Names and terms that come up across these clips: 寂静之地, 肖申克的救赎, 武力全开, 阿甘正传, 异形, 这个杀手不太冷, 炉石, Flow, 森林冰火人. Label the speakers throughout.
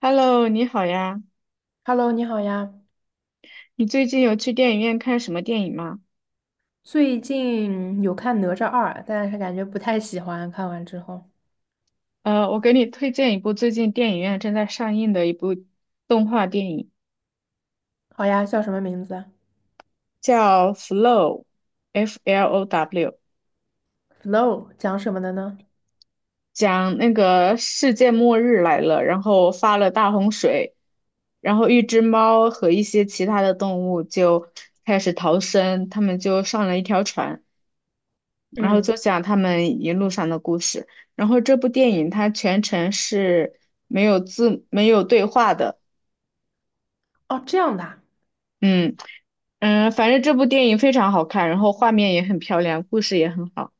Speaker 1: Hello，你好呀。
Speaker 2: Hello，你好呀。
Speaker 1: 你最近有去电影院看什么电影吗？
Speaker 2: 最近有看《哪吒二》，但是感觉不太喜欢。看完之后，
Speaker 1: 我给你推荐一部最近电影院正在上映的一部动画电影，
Speaker 2: 好呀，叫什么名字
Speaker 1: 叫《Flow》（Flow），
Speaker 2: f l o w 讲什么的呢？
Speaker 1: 讲那个世界末日来了，然后发了大洪水，然后一只猫和一些其他的动物就开始逃生，他们就上了一条船。然后就
Speaker 2: 嗯，
Speaker 1: 讲他们一路上的故事。然后这部电影它全程是没有字、没有对话的。
Speaker 2: 哦，这样的啊
Speaker 1: 嗯嗯。反正这部电影非常好看，然后画面也很漂亮，故事也很好。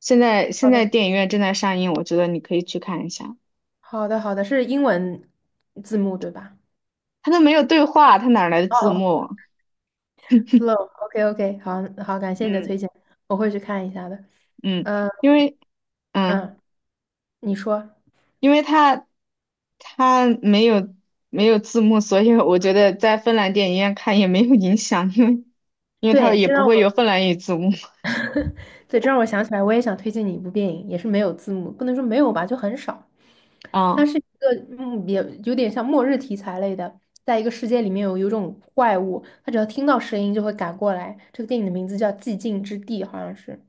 Speaker 1: 现在现
Speaker 2: 好
Speaker 1: 在
Speaker 2: 的，
Speaker 1: 电影院正在上映，我觉得你可以去看一下。
Speaker 2: 好的，好的，是英文字幕对吧？
Speaker 1: 它都没有对话，它哪来的字
Speaker 2: 哦
Speaker 1: 幕啊？
Speaker 2: ，Flow，OK，OK，好好，感谢你的推
Speaker 1: 嗯
Speaker 2: 荐，我会去看一下的。
Speaker 1: 嗯，
Speaker 2: 嗯
Speaker 1: 因为嗯。
Speaker 2: 嗯，你说，
Speaker 1: 因为它没有字幕，所以我觉得在芬兰电影院看也没有影响，因为它
Speaker 2: 对，
Speaker 1: 也
Speaker 2: 这
Speaker 1: 不
Speaker 2: 让
Speaker 1: 会有
Speaker 2: 我
Speaker 1: 芬兰语字幕
Speaker 2: 对，这让我想起来，我也想推荐你一部电影，也是没有字幕，不能说没有吧，就很少。它
Speaker 1: 啊，
Speaker 2: 是一个也有点像末日题材类的，在一个世界里面有一种怪物，它只要听到声音就会赶过来。这个电影的名字叫《寂静之地》，好像是。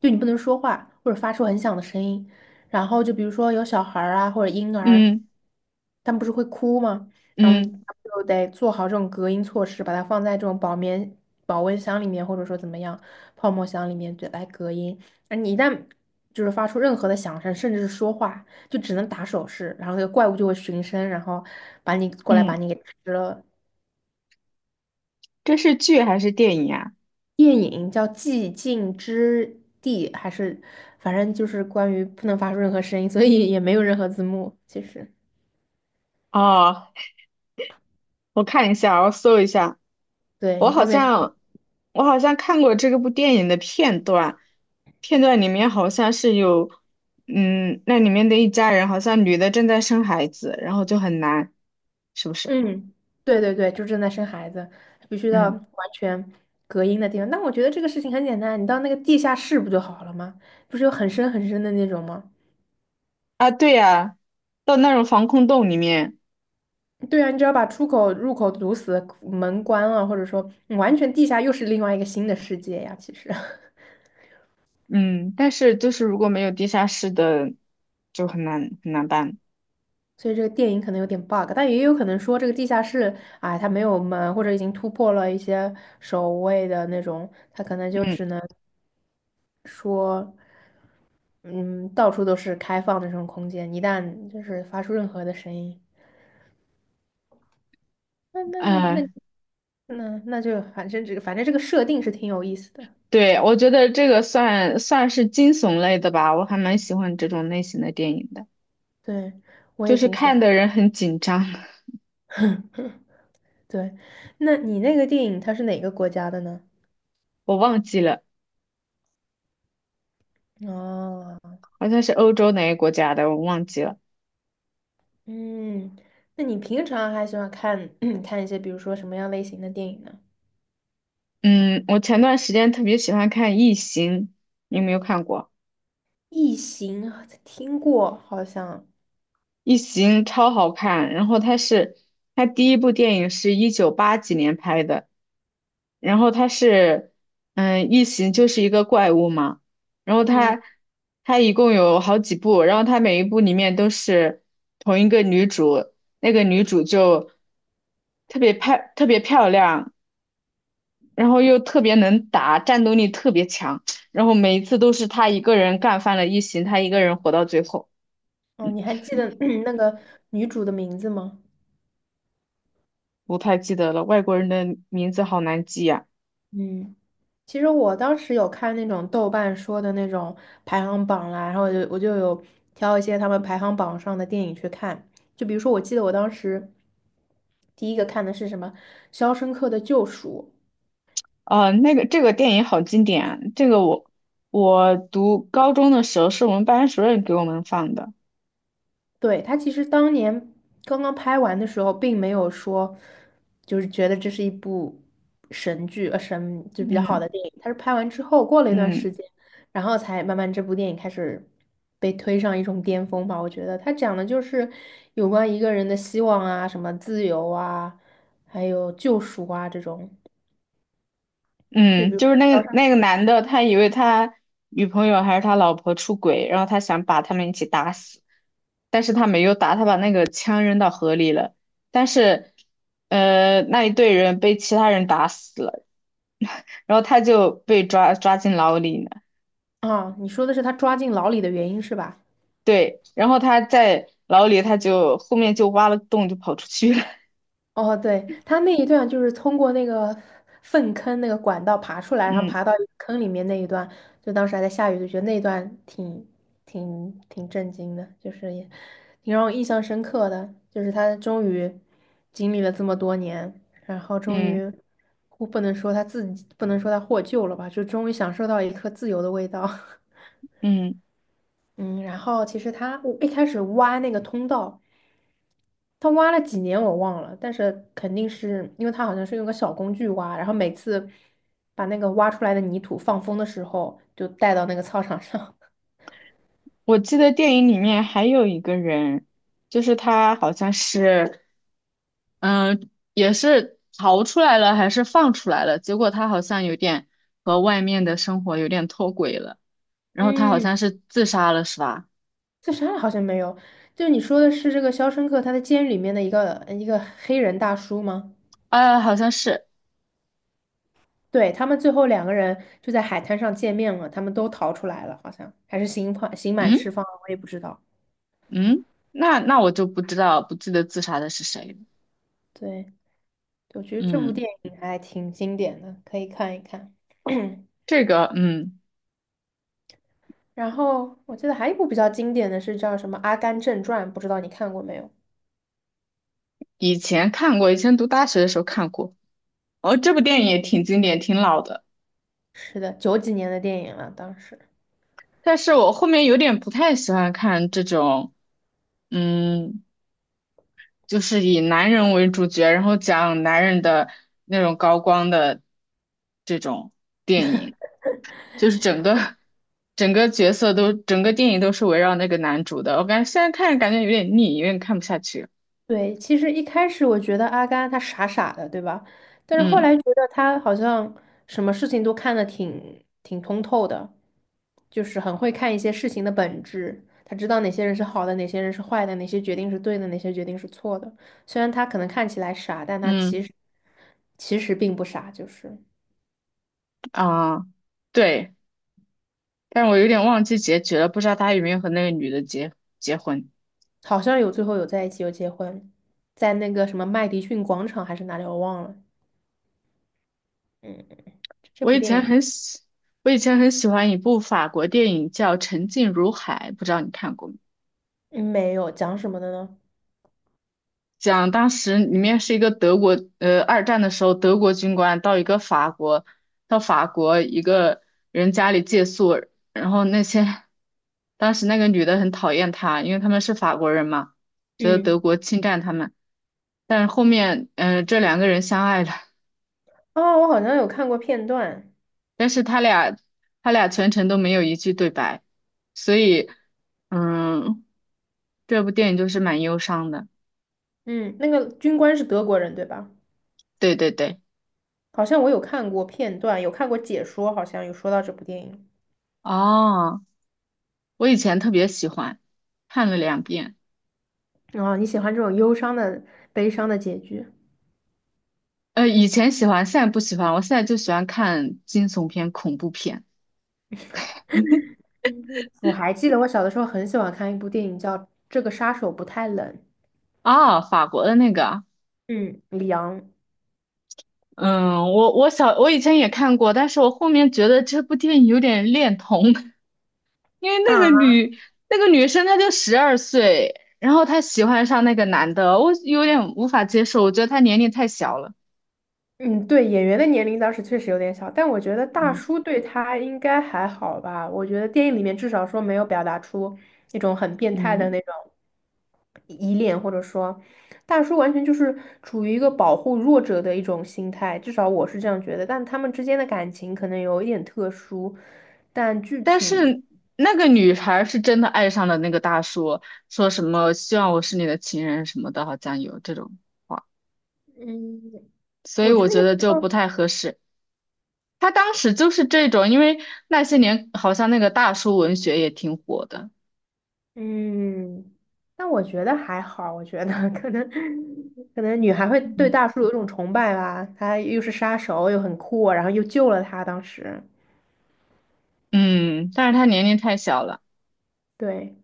Speaker 2: 就你不能说话或者发出很响的声音。然后就比如说有小孩儿啊或者婴儿，
Speaker 1: 嗯
Speaker 2: 他们不是会哭吗？然后
Speaker 1: 嗯
Speaker 2: 就得做好这种隔音措施，把它放在这种保温箱里面，或者说怎么样泡沫箱里面，对，来隔音。而你一旦就是发出任何的响声，甚至是说话，就只能打手势，然后那个怪物就会循声，然后把你过来把
Speaker 1: 嗯，
Speaker 2: 你给吃了。
Speaker 1: 这是剧还是电影啊？
Speaker 2: 电影叫《寂静之地》，还是反正就是关于不能发出任何声音，所以也没有任何字幕。其实，
Speaker 1: 哦，我看一下，我搜一下，
Speaker 2: 对
Speaker 1: 我
Speaker 2: 你
Speaker 1: 好
Speaker 2: 后面可以
Speaker 1: 像我好像看过这个部电影的片段，片段里面好像是有，那里面的一家人好像女的正在生孩子，然后就很难，是不是？
Speaker 2: 嗯，对对对，就正在生孩子，必须到完
Speaker 1: 嗯。
Speaker 2: 全隔音的地方。但我觉得这个事情很简单，你到那个地下室不就好了吗？不是有很深很深的那种吗？
Speaker 1: 啊，对呀，到那种防空洞里面，
Speaker 2: 对啊，你只要把出口、入口堵死，门关了，或者说嗯完全地下又是另外一个新的世界呀。其实，
Speaker 1: 嗯，但是就是如果没有地下室的，就很难很难办。
Speaker 2: 所以这个电影可能有点 bug,但也有可能说这个地下室，哎，它没有门，或者已经突破了一些守卫的那种，它可能就
Speaker 1: 嗯，
Speaker 2: 只能说，嗯，到处都是开放的这种空间，一旦就是发出任何的声音，那那你那
Speaker 1: 呃，
Speaker 2: 那那就反正这个设定是挺有意思的，
Speaker 1: 对，我觉得这个算是惊悚类的吧，我还蛮喜欢这种类型的电影的，
Speaker 2: 对，我
Speaker 1: 就
Speaker 2: 也
Speaker 1: 是
Speaker 2: 挺喜
Speaker 1: 看的
Speaker 2: 欢。
Speaker 1: 人很紧张。
Speaker 2: 对，那你那个电影它是哪个国家的呢？
Speaker 1: 我忘记了，
Speaker 2: 哦。
Speaker 1: 好像是欧洲哪个国家的，我忘记了。
Speaker 2: 嗯，那你平常还喜欢看 看一些，比如说什么样类型的电影呢？
Speaker 1: 嗯，我前段时间特别喜欢看《异形》，你有没有看过？
Speaker 2: 异形啊听过，好像。
Speaker 1: 《异形》超好看，然后它第一部电影是一九八几年拍的。然后他是，嗯，异形就是一个怪物嘛，然后
Speaker 2: 嗯，
Speaker 1: 他，他一共有好几部，然后他每一部里面都是同一个女主，那个女主就特别漂亮，然后又特别能打，战斗力特别强，然后每一次都是她一个人干翻了异形，她一个人活到最后，
Speaker 2: 哦，你还记得 那个女主的名字吗？
Speaker 1: 不太记得了，外国人的名字好难记呀、
Speaker 2: 嗯，其实我当时有看那种豆瓣说的那种排行榜啦，然后我就有挑一些他们排行榜上的电影去看，就比如说，我记得我当时第一个看的是什么《肖申克的救赎》，
Speaker 1: 这个电影好经典啊！这个我读高中的时候是我们班主任给我们放的。
Speaker 2: 对，他其实当年刚刚拍完的时候，并没有说就是觉得这是一部神剧，神就比较好
Speaker 1: 嗯
Speaker 2: 的电影。他是拍完之后，过了一段时
Speaker 1: 嗯
Speaker 2: 间，然后才慢慢这部电影开始被推上一种巅峰吧。我觉得他讲的就是有关一个人的希望啊，什么自由啊，还有救赎啊这种。就比
Speaker 1: 嗯，
Speaker 2: 如
Speaker 1: 就是
Speaker 2: 说
Speaker 1: 那
Speaker 2: 高
Speaker 1: 个
Speaker 2: 山
Speaker 1: 那个男的，他以为他女朋友还是他老婆出轨，然后他想把他们一起打死，但是他没有打，他把那个枪扔到河里了。但是那一队人被其他人打死了，然后他就被抓进牢里了。
Speaker 2: 啊，你说的是他抓进牢里的原因是吧？
Speaker 1: 对，然后他在牢里，他就后面就挖了个洞就跑出去了。
Speaker 2: 哦，对，他那一段就是通过那个粪坑那个管道爬出来，然后
Speaker 1: 嗯
Speaker 2: 爬到一个坑里面那一段，就当时还在下雨，就觉得那一段挺震惊的，就是也挺让我印象深刻的，就是他终于经历了这么多年，然后终
Speaker 1: 嗯
Speaker 2: 于我不能说他自己不能说他获救了吧，就终于享受到一颗自由的味道。
Speaker 1: 嗯，
Speaker 2: 嗯，然后其实他我一开始挖那个通道。他挖了几年我忘了，但是肯定是因为他好像是用个小工具挖，然后每次把那个挖出来的泥土放风的时候，就带到那个操场上。
Speaker 1: 我记得电影里面还有一个人，就是他好像是，也是逃出来了还是放出来了，结果他好像有点和外面的生活有点脱轨了，然后他好
Speaker 2: 嗯，
Speaker 1: 像是自杀了是吧？
Speaker 2: 自杀了好像没有，就是你说的是这个《肖申克》他在监狱里面的一个黑人大叔吗？
Speaker 1: 啊，好像是，
Speaker 2: 对，他们最后两个人就在海滩上见面了，他们都逃出来了，好像还是刑判刑满释
Speaker 1: 嗯
Speaker 2: 放了我也不知道。
Speaker 1: 嗯，那我就不知道不记得自杀的是谁了，
Speaker 2: 对，我觉得这部
Speaker 1: 嗯，
Speaker 2: 电影还挺经典的，可以看一看。
Speaker 1: 这个嗯
Speaker 2: 然后我记得还有一部比较经典的是叫什么《阿甘正传》，不知道你看过没有？
Speaker 1: 以前看过，以前读大学的时候看过，哦，这部电影也挺经典，挺老的。
Speaker 2: 是的，九几年的电影了，当时。
Speaker 1: 但是我后面有点不太喜欢看这种，嗯，就是以男人为主角，然后讲男人的那种高光的这种电影，就是整个角色都整个电影都是围绕那个男主的。我感觉现在看着感觉有点腻，有点看不下去。
Speaker 2: 对，其实一开始我觉得阿甘他傻傻的，对吧？但是后
Speaker 1: 嗯
Speaker 2: 来觉得他好像什么事情都看得挺挺通透的，就是很会看一些事情的本质，他知道哪些人是好的，哪些人是坏的，哪些决定是对的，哪些决定是错的。虽然他可能看起来傻，但他其
Speaker 1: 嗯
Speaker 2: 实其实并不傻，就是。
Speaker 1: 啊，对，但是我有点忘记结局了，不知道他有没有和那个女的结婚。
Speaker 2: 好像有最后有在一起，有结婚，在那个什么麦迪逊广场还是哪里，我忘了。嗯，这
Speaker 1: 我
Speaker 2: 部
Speaker 1: 以
Speaker 2: 电
Speaker 1: 前
Speaker 2: 影
Speaker 1: 很喜，我以前很喜欢一部法国电影叫《沉静如海》，不知道你看过没？
Speaker 2: 嗯没有讲什么的呢？
Speaker 1: 讲当时里面是一个德国，二战的时候，德国军官到法国一个人家里借宿，然后那些当时那个女的很讨厌他，因为他们是法国人嘛，觉得德
Speaker 2: 嗯，
Speaker 1: 国侵占他们，但是后面，这两个人相爱了，
Speaker 2: 哦，我好像有看过片段。
Speaker 1: 但是他俩全程都没有一句对白，所以。嗯，这部电影就是蛮忧伤的。
Speaker 2: 嗯，那个军官是德国人，对吧？
Speaker 1: 对对对，
Speaker 2: 好像我有看过片段，有看过解说，好像有说到这部电影。
Speaker 1: 哦，我以前特别喜欢，看了2遍。
Speaker 2: 哦，你喜欢这种忧伤的、悲伤的结局？
Speaker 1: 以前喜欢，现在不喜欢。我现在就喜欢看惊悚片、恐怖片。
Speaker 2: 嗯嗯，我还记得我小的时候很喜欢看一部电影叫《这个杀手不太冷》。
Speaker 1: 啊，法国的那个。
Speaker 2: 嗯，凉
Speaker 1: 嗯，我以前也看过，但是我后面觉得这部电影有点恋童，因为那
Speaker 2: 啊，
Speaker 1: 个女那个女生她就12岁，然后她喜欢上那个男的，我有点无法接受，我觉得她年龄太小了。
Speaker 2: 嗯，对，演员的年龄当时确实有点小，但我觉得大
Speaker 1: 嗯
Speaker 2: 叔对他应该还好吧。我觉得电影里面至少说没有表达出那种很变态的
Speaker 1: 嗯。
Speaker 2: 那种依恋，或者说大叔完全就是处于一个保护弱者的一种心态，至少我是这样觉得。但他们之间的感情可能有一点特殊，但具
Speaker 1: 但
Speaker 2: 体，
Speaker 1: 是那个女孩是真的爱上了那个大叔，说什么希望我是你的情人什么的，好像有这种话，
Speaker 2: 嗯，
Speaker 1: 所以
Speaker 2: 我觉
Speaker 1: 我
Speaker 2: 得也。
Speaker 1: 觉得就不太合适。他当时就是这种，因为那些年好像那个大叔文学也挺火的，
Speaker 2: 嗯，但我觉得还好，我觉得 可能可能女孩会对
Speaker 1: 嗯，
Speaker 2: 大叔有一种崇拜吧，他又是杀手，又很酷，然后又救了他。当时，
Speaker 1: 嗯但是他年龄太小了，
Speaker 2: 对，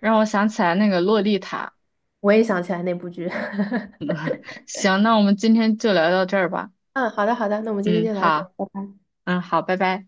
Speaker 1: 让我想起来那个洛丽塔。
Speaker 2: 我也想起来那部剧。
Speaker 1: 行，那我们今天就聊到这儿吧。
Speaker 2: 嗯，好的好的，那我们今天
Speaker 1: 嗯，
Speaker 2: 就聊到这
Speaker 1: 好，
Speaker 2: 儿。拜拜
Speaker 1: 嗯，好，拜拜。